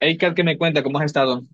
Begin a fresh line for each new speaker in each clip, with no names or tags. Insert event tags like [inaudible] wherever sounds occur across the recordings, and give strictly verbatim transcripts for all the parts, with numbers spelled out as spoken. Hey, Kat, ¿qué me cuenta? ¿Cómo has estado?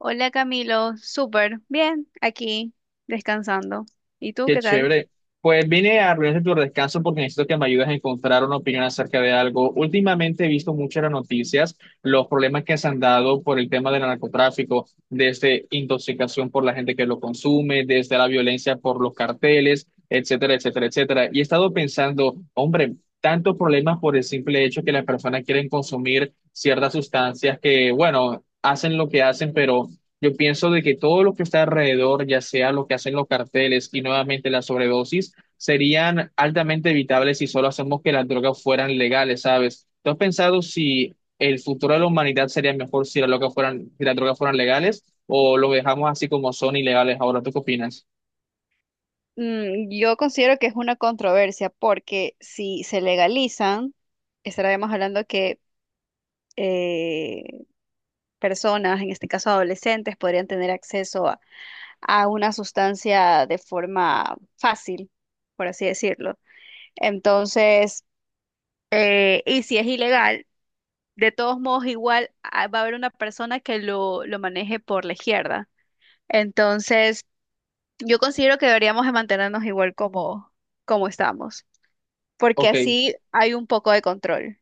Hola Camilo, súper bien, aquí descansando. ¿Y tú
Qué
qué tal?
chévere. Pues vine a arruinarte tu descanso porque necesito que me ayudes a encontrar una opinión acerca de algo. Últimamente he visto muchas las noticias, los problemas que se han dado por el tema del narcotráfico, desde intoxicación por la gente que lo consume, desde la violencia por los carteles, etcétera, etcétera, etcétera. Y he estado pensando, hombre, tantos problemas por el simple hecho que las personas quieren consumir ciertas sustancias que, bueno, hacen lo que hacen, pero yo pienso de que todo lo que está alrededor, ya sea lo que hacen los carteles y nuevamente la sobredosis, serían altamente evitables si solo hacemos que las drogas fueran legales, ¿sabes? ¿Tú has pensado si el futuro de la humanidad sería mejor si las drogas fueran, si las drogas fueran legales o lo dejamos así como son ilegales ahora? ¿Tú qué opinas?
Mm, yo considero que es una controversia porque si se legalizan, estaríamos hablando que eh, personas, en este caso adolescentes, podrían tener acceso a, a una sustancia de forma fácil, por así decirlo. Entonces, eh, y si es ilegal, de todos modos, igual ah, va a haber una persona que lo, lo maneje por la izquierda. Entonces, yo considero que deberíamos de mantenernos igual como, como estamos, porque
Ok.
así hay un poco de control.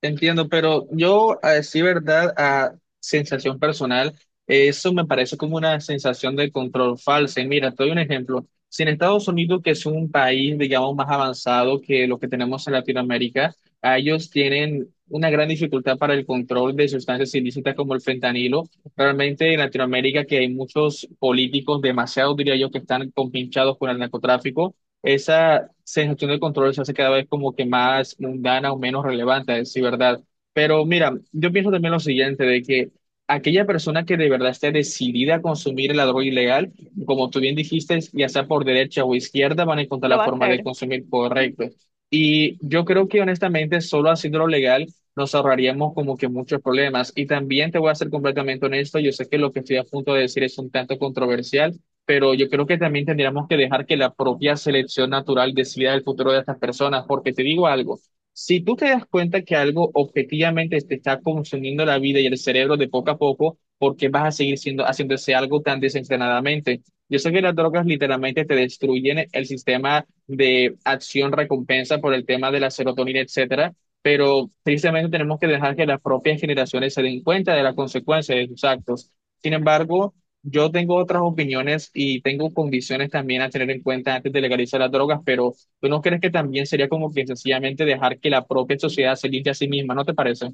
Te entiendo, pero yo, a decir verdad, a sensación personal, eso me parece como una sensación de control falsa. Y mira, te doy un ejemplo. Si en Estados Unidos, que es un país, digamos, más avanzado que lo que tenemos en Latinoamérica, a ellos tienen una gran dificultad para el control de sustancias ilícitas como el fentanilo. Realmente en Latinoamérica, que hay muchos políticos, demasiado diría yo, que están compinchados con el narcotráfico, esa sensación de control se hace cada vez como que más mundana o menos relevante, sí, ¿verdad? Pero mira, yo pienso también lo siguiente, de que aquella persona que de verdad esté decidida a consumir la droga ilegal, como tú bien dijiste, ya sea por derecha o izquierda, van a encontrar
Lo
la
va a
forma
hacer.
de consumir
Ujú.
correcto. Y yo creo que honestamente, solo haciéndolo legal, nos ahorraríamos como que muchos problemas. Y también te voy a ser completamente honesto, yo sé que lo que estoy a punto de decir es un tanto controversial, pero yo creo que también tendríamos que dejar que la propia selección natural decida el futuro de estas personas, porque te digo algo, si tú te das cuenta que algo objetivamente te está consumiendo la vida y el cerebro de poco a poco, ¿por qué vas a seguir siendo, haciendo ese algo tan desenfrenadamente? Yo sé que las drogas literalmente te destruyen el sistema de acción-recompensa por el tema de la serotonina, etcétera, pero tristemente tenemos que dejar que las propias generaciones se den cuenta de la consecuencia de sus actos. Sin embargo, yo tengo otras opiniones y tengo condiciones también a tener en cuenta antes de legalizar las drogas, pero ¿tú no crees que también sería como que sencillamente dejar que la propia sociedad se limpie a sí misma? ¿No te parece?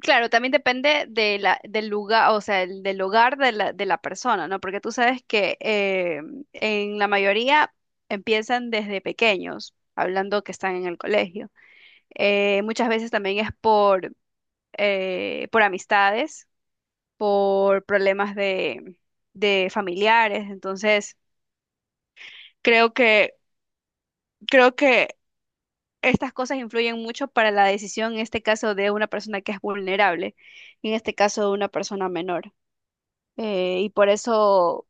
Claro, también depende de la, del lugar, o sea, el- del hogar de la, de la persona, ¿no? Porque tú sabes que eh, en la mayoría empiezan desde pequeños, hablando que están en el colegio. Eh, muchas veces también es por, eh, por amistades, por problemas de, de familiares. Entonces, creo que, creo que estas cosas influyen mucho para la decisión, en este caso, de una persona que es vulnerable, en este caso, de una persona menor. Eh, y por eso,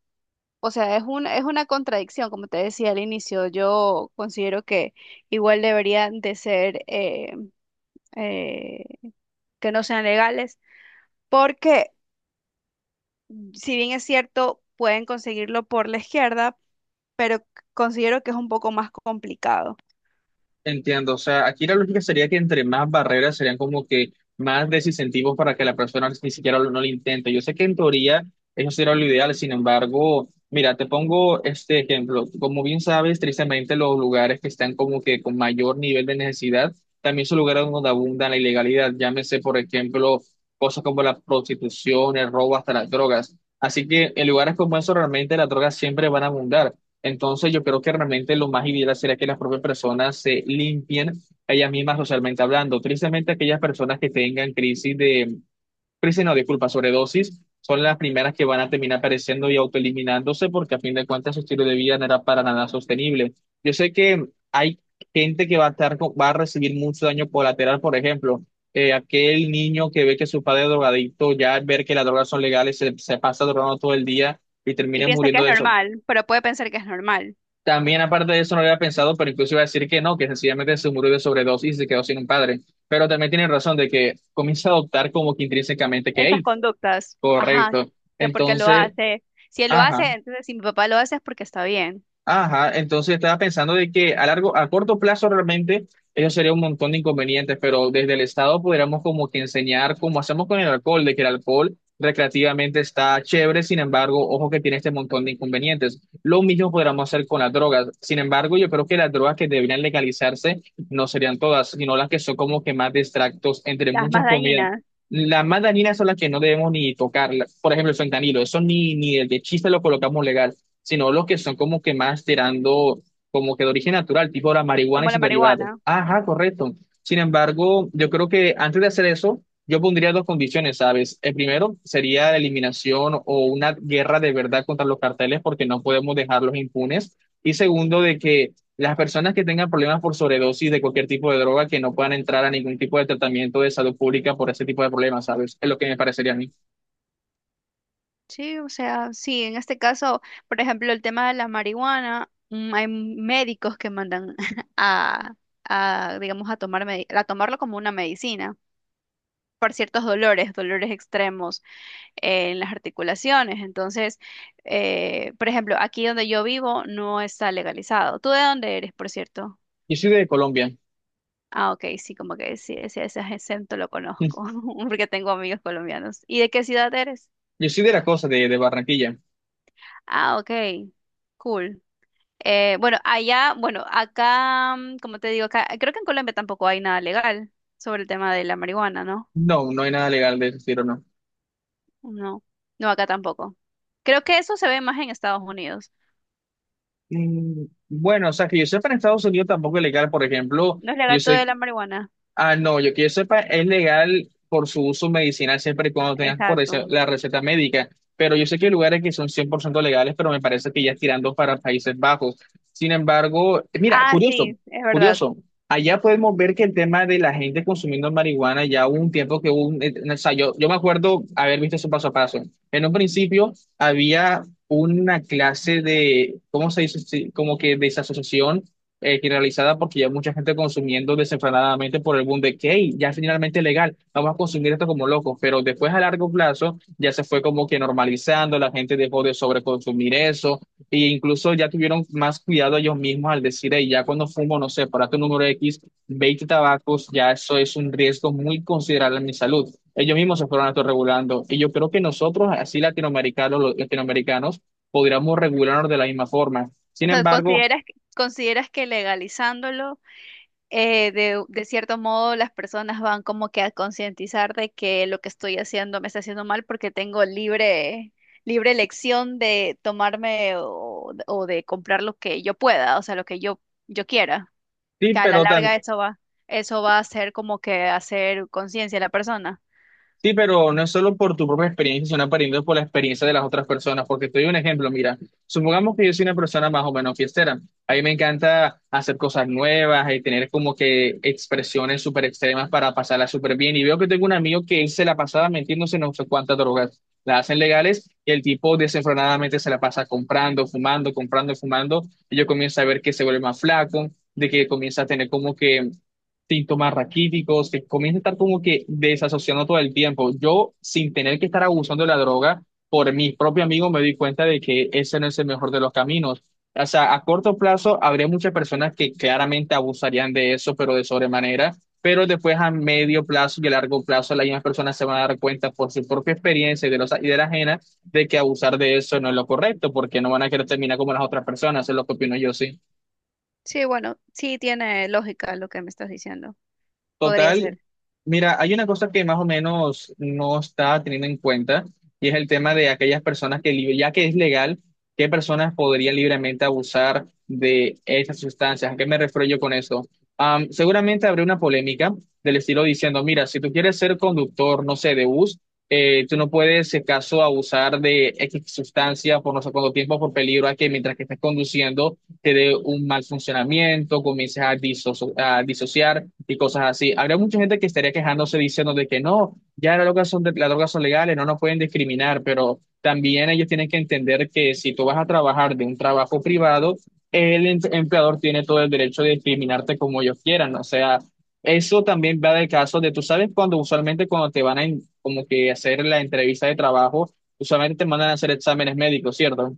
o sea, es un, es una contradicción, como te decía al inicio, yo considero que igual deberían de ser, eh, eh, que no sean legales, porque si bien es cierto, pueden conseguirlo por la izquierda, pero considero que es un poco más complicado.
Entiendo, o sea, aquí la lógica sería que entre más barreras serían como que más desincentivos para que la persona ni siquiera lo- no lo intente. Yo sé que en teoría eso sería lo ideal, sin embargo, mira, te pongo este ejemplo. Como bien sabes, tristemente los lugares que están como que con mayor nivel de necesidad también son lugares donde abunda la ilegalidad. Llámese, por ejemplo, cosas como la prostitución, el robo, hasta las drogas. Así que en lugares como esos realmente las drogas siempre van a abundar. Entonces, yo creo que realmente lo más ideal sería que las propias personas se limpien ellas mismas socialmente hablando. Tristemente, aquellas personas que tengan crisis de, crisis no, disculpa, sobredosis, son las primeras que van a terminar apareciendo y autoeliminándose porque a fin de cuentas su estilo de vida no era para nada sostenible. Yo sé que hay gente que va a estar, con- va a recibir mucho daño colateral, por ejemplo. Eh, aquel niño que ve que su padre es drogadicto, ya al ver que las drogas son legales, se, se pasa drogando todo el día y
Y
termina
piensa que
muriendo
es normal, pero puede pensar que es normal.
también, aparte de eso, no lo había pensado, pero incluso iba a decir que no, que sencillamente se murió de sobredosis y se quedó sin un padre. Pero también tiene razón de que comienza a adoptar como que intrínsecamente que,
Esas
hey,
conductas. Ajá,
correcto.
que porque lo
Entonces,
hace. Si él lo
ajá.
hace, entonces si mi papá lo hace es porque está bien.
Ajá, entonces estaba pensando de que a largo, a corto plazo realmente eso sería un montón de inconvenientes, pero desde el Estado podríamos como que enseñar como hacemos con el alcohol, de que el alcohol recreativamente está chévere, sin embargo, ojo que tiene este montón de inconvenientes. Lo mismo podríamos hacer con las drogas. Sin embargo, yo creo que las drogas que deberían legalizarse no serían todas, sino las que son como que más distractos entre
Las más
muchas comidas.
dañinas,
Las más dañinas son las que no debemos ni tocar. Por ejemplo, el fentanilo, eso ni, ni de chiste lo colocamos legal, sino los que son como que más tirando como que de origen natural, tipo la marihuana y
como la
sus derivados.
marihuana.
Ajá, correcto. Sin embargo, yo creo que antes de hacer eso, yo pondría dos condiciones, ¿sabes? El primero sería la eliminación o una guerra de verdad contra los carteles porque no podemos dejarlos impunes. Y segundo, de que las personas que tengan problemas por sobredosis de cualquier tipo de droga que no puedan entrar a ningún tipo de tratamiento de salud pública por ese tipo de problemas, ¿sabes? Es lo que me parecería a mí.
Sí, o sea, sí, en este caso, por ejemplo, el tema de la marihuana, mm, hay médicos que mandan [laughs] a, a, digamos, a tomar medi- a tomarlo como una medicina por ciertos dolores, dolores extremos eh, en las articulaciones. Entonces, eh, por ejemplo, aquí donde yo vivo no está legalizado. ¿Tú de dónde eres, por cierto?
Yo soy de Colombia.
Ah, ok, sí, como que sí, ese, ese acento lo conozco,
[laughs]
[laughs] porque tengo amigos colombianos. ¿Y de qué ciudad eres?
Yo soy de la cosa de, de Barranquilla.
Ah, ok, cool. Eh, bueno, allá, bueno, acá, mm, como te digo, acá, creo que en Colombia tampoco hay nada legal sobre el tema de la marihuana, ¿no?
No, no hay nada legal de ese estilo, no.
No, no, acá tampoco. Creo que eso se ve más en Estados Unidos.
Mm, bueno, o sea, que yo sepa en Estados Unidos tampoco es legal, por ejemplo,
No es
yo
legal todo de
sé.
la marihuana.
Ah, no, yo que yo sepa, es legal por su uso medicinal siempre y cuando tengas por
Exacto.
eso la receta médica. Pero yo sé que hay lugares que son cien por ciento legales, pero me parece que ya es tirando para Países Bajos. Sin embargo, eh, mira,
Ah,
curioso,
sí, es verdad.
curioso. Allá podemos ver que el tema de la gente consumiendo marihuana ya hubo un tiempo que hubo un, eh, o sea, yo, yo me acuerdo haber visto eso paso a paso. En un principio había una clase de, ¿cómo se dice? Sí, como que desasociación eh, que realizada porque ya mucha gente consumiendo desenfrenadamente por el boom de que: "Hey, ya es finalmente legal, vamos a consumir esto como locos", pero después a largo plazo ya se fue como que normalizando, la gente dejó de sobreconsumir eso e incluso ya tuvieron más cuidado ellos mismos al decir: "Hey, ya cuando fumo, no sé, para tu número X, veinte tabacos, ya eso es un riesgo muy considerable en mi salud". Ellos mismos se fueron autorregulando y yo creo que nosotros, así latinoamericanos, los latinoamericanos, podríamos regularnos de la misma forma.
O
Sin
sea,
embargo,
¿consideras, que- ¿consideras que legalizándolo eh, de, de cierto modo las personas van como que a concientizar de que lo que estoy haciendo me está haciendo mal porque tengo libre, libre elección de tomarme o, o de comprar lo que yo pueda, o sea, lo que yo, yo quiera,
Sí,
que a la
pero tam-
larga eso va, eso va a ser como que hacer conciencia a la persona.
sí, pero no es solo por tu propia experiencia, sino aprendiendo por la experiencia de las otras personas. Porque te doy un ejemplo, mira, supongamos que yo soy una persona más o menos fiestera. A mí me encanta hacer cosas nuevas y tener como que expresiones súper extremas para pasarla súper bien. Y veo que tengo un amigo que él se la pasaba metiéndose en no sé cuántas drogas. Las hacen legales y el tipo desenfrenadamente se la pasa comprando, fumando, comprando, fumando. Y yo comienzo a ver que se vuelve más flaco, de que comienza a tener como que síntomas raquíticos, que comienza a estar como que desasociando todo el tiempo. Yo, sin tener que estar abusando de la droga, por mi propio amigo me di cuenta de que ese no es el mejor de los caminos. O sea, a corto plazo habría muchas personas que claramente abusarían de eso, pero de sobremanera, pero después a medio plazo y a largo plazo las mismas personas se van a dar cuenta por su propia experiencia y de los y de la ajena de que abusar de eso no es lo correcto, porque no van a querer terminar como las otras personas, es lo que opino yo, sí.
Sí, bueno, sí tiene lógica lo que me estás diciendo. Podría
Total,
ser,
mira, hay una cosa que más o menos no está teniendo en cuenta y es el tema de aquellas personas que, li- ya que es legal, qué personas podrían libremente abusar de esas sustancias. ¿A qué me refiero yo con eso? Am, seguramente habrá una polémica del estilo diciendo, mira, si tú quieres ser conductor, no sé, de bus, eh, tú no puedes, si acaso, abusar de X sustancia por no sé cuánto tiempo, por peligro a que mientras que estés conduciendo te dé un mal funcionamiento, comiences a, disocio- a disociar y cosas así. Habría mucha gente que estaría quejándose diciendo de que no, ya las drogas son, de- las drogas son legales, no nos pueden discriminar, pero también ellos tienen que entender que si tú vas a trabajar de un trabajo privado, el em- empleador tiene todo el derecho de discriminarte como ellos quieran, o sea... Eso también va del caso de, tú sabes, cuando usualmente cuando te van a en- como que hacer la entrevista de trabajo, usualmente te mandan a hacer exámenes médicos, ¿cierto?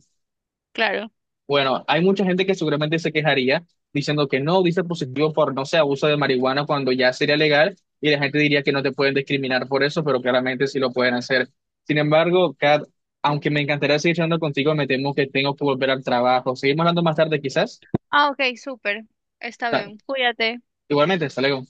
claro.
Bueno, hay mucha gente que seguramente se quejaría diciendo que no, dice positivo por, no sé, abuso de marihuana cuando ya sería legal y la gente diría que no te pueden discriminar por eso, pero claramente sí lo pueden hacer. Sin embargo, Kat, aunque me encantaría seguir hablando contigo, me temo que tengo que volver al trabajo. Seguimos hablando más tarde quizás.
Ah, ok, súper. Está
Ta-
bien. Cuídate.
Igualmente, hasta luego.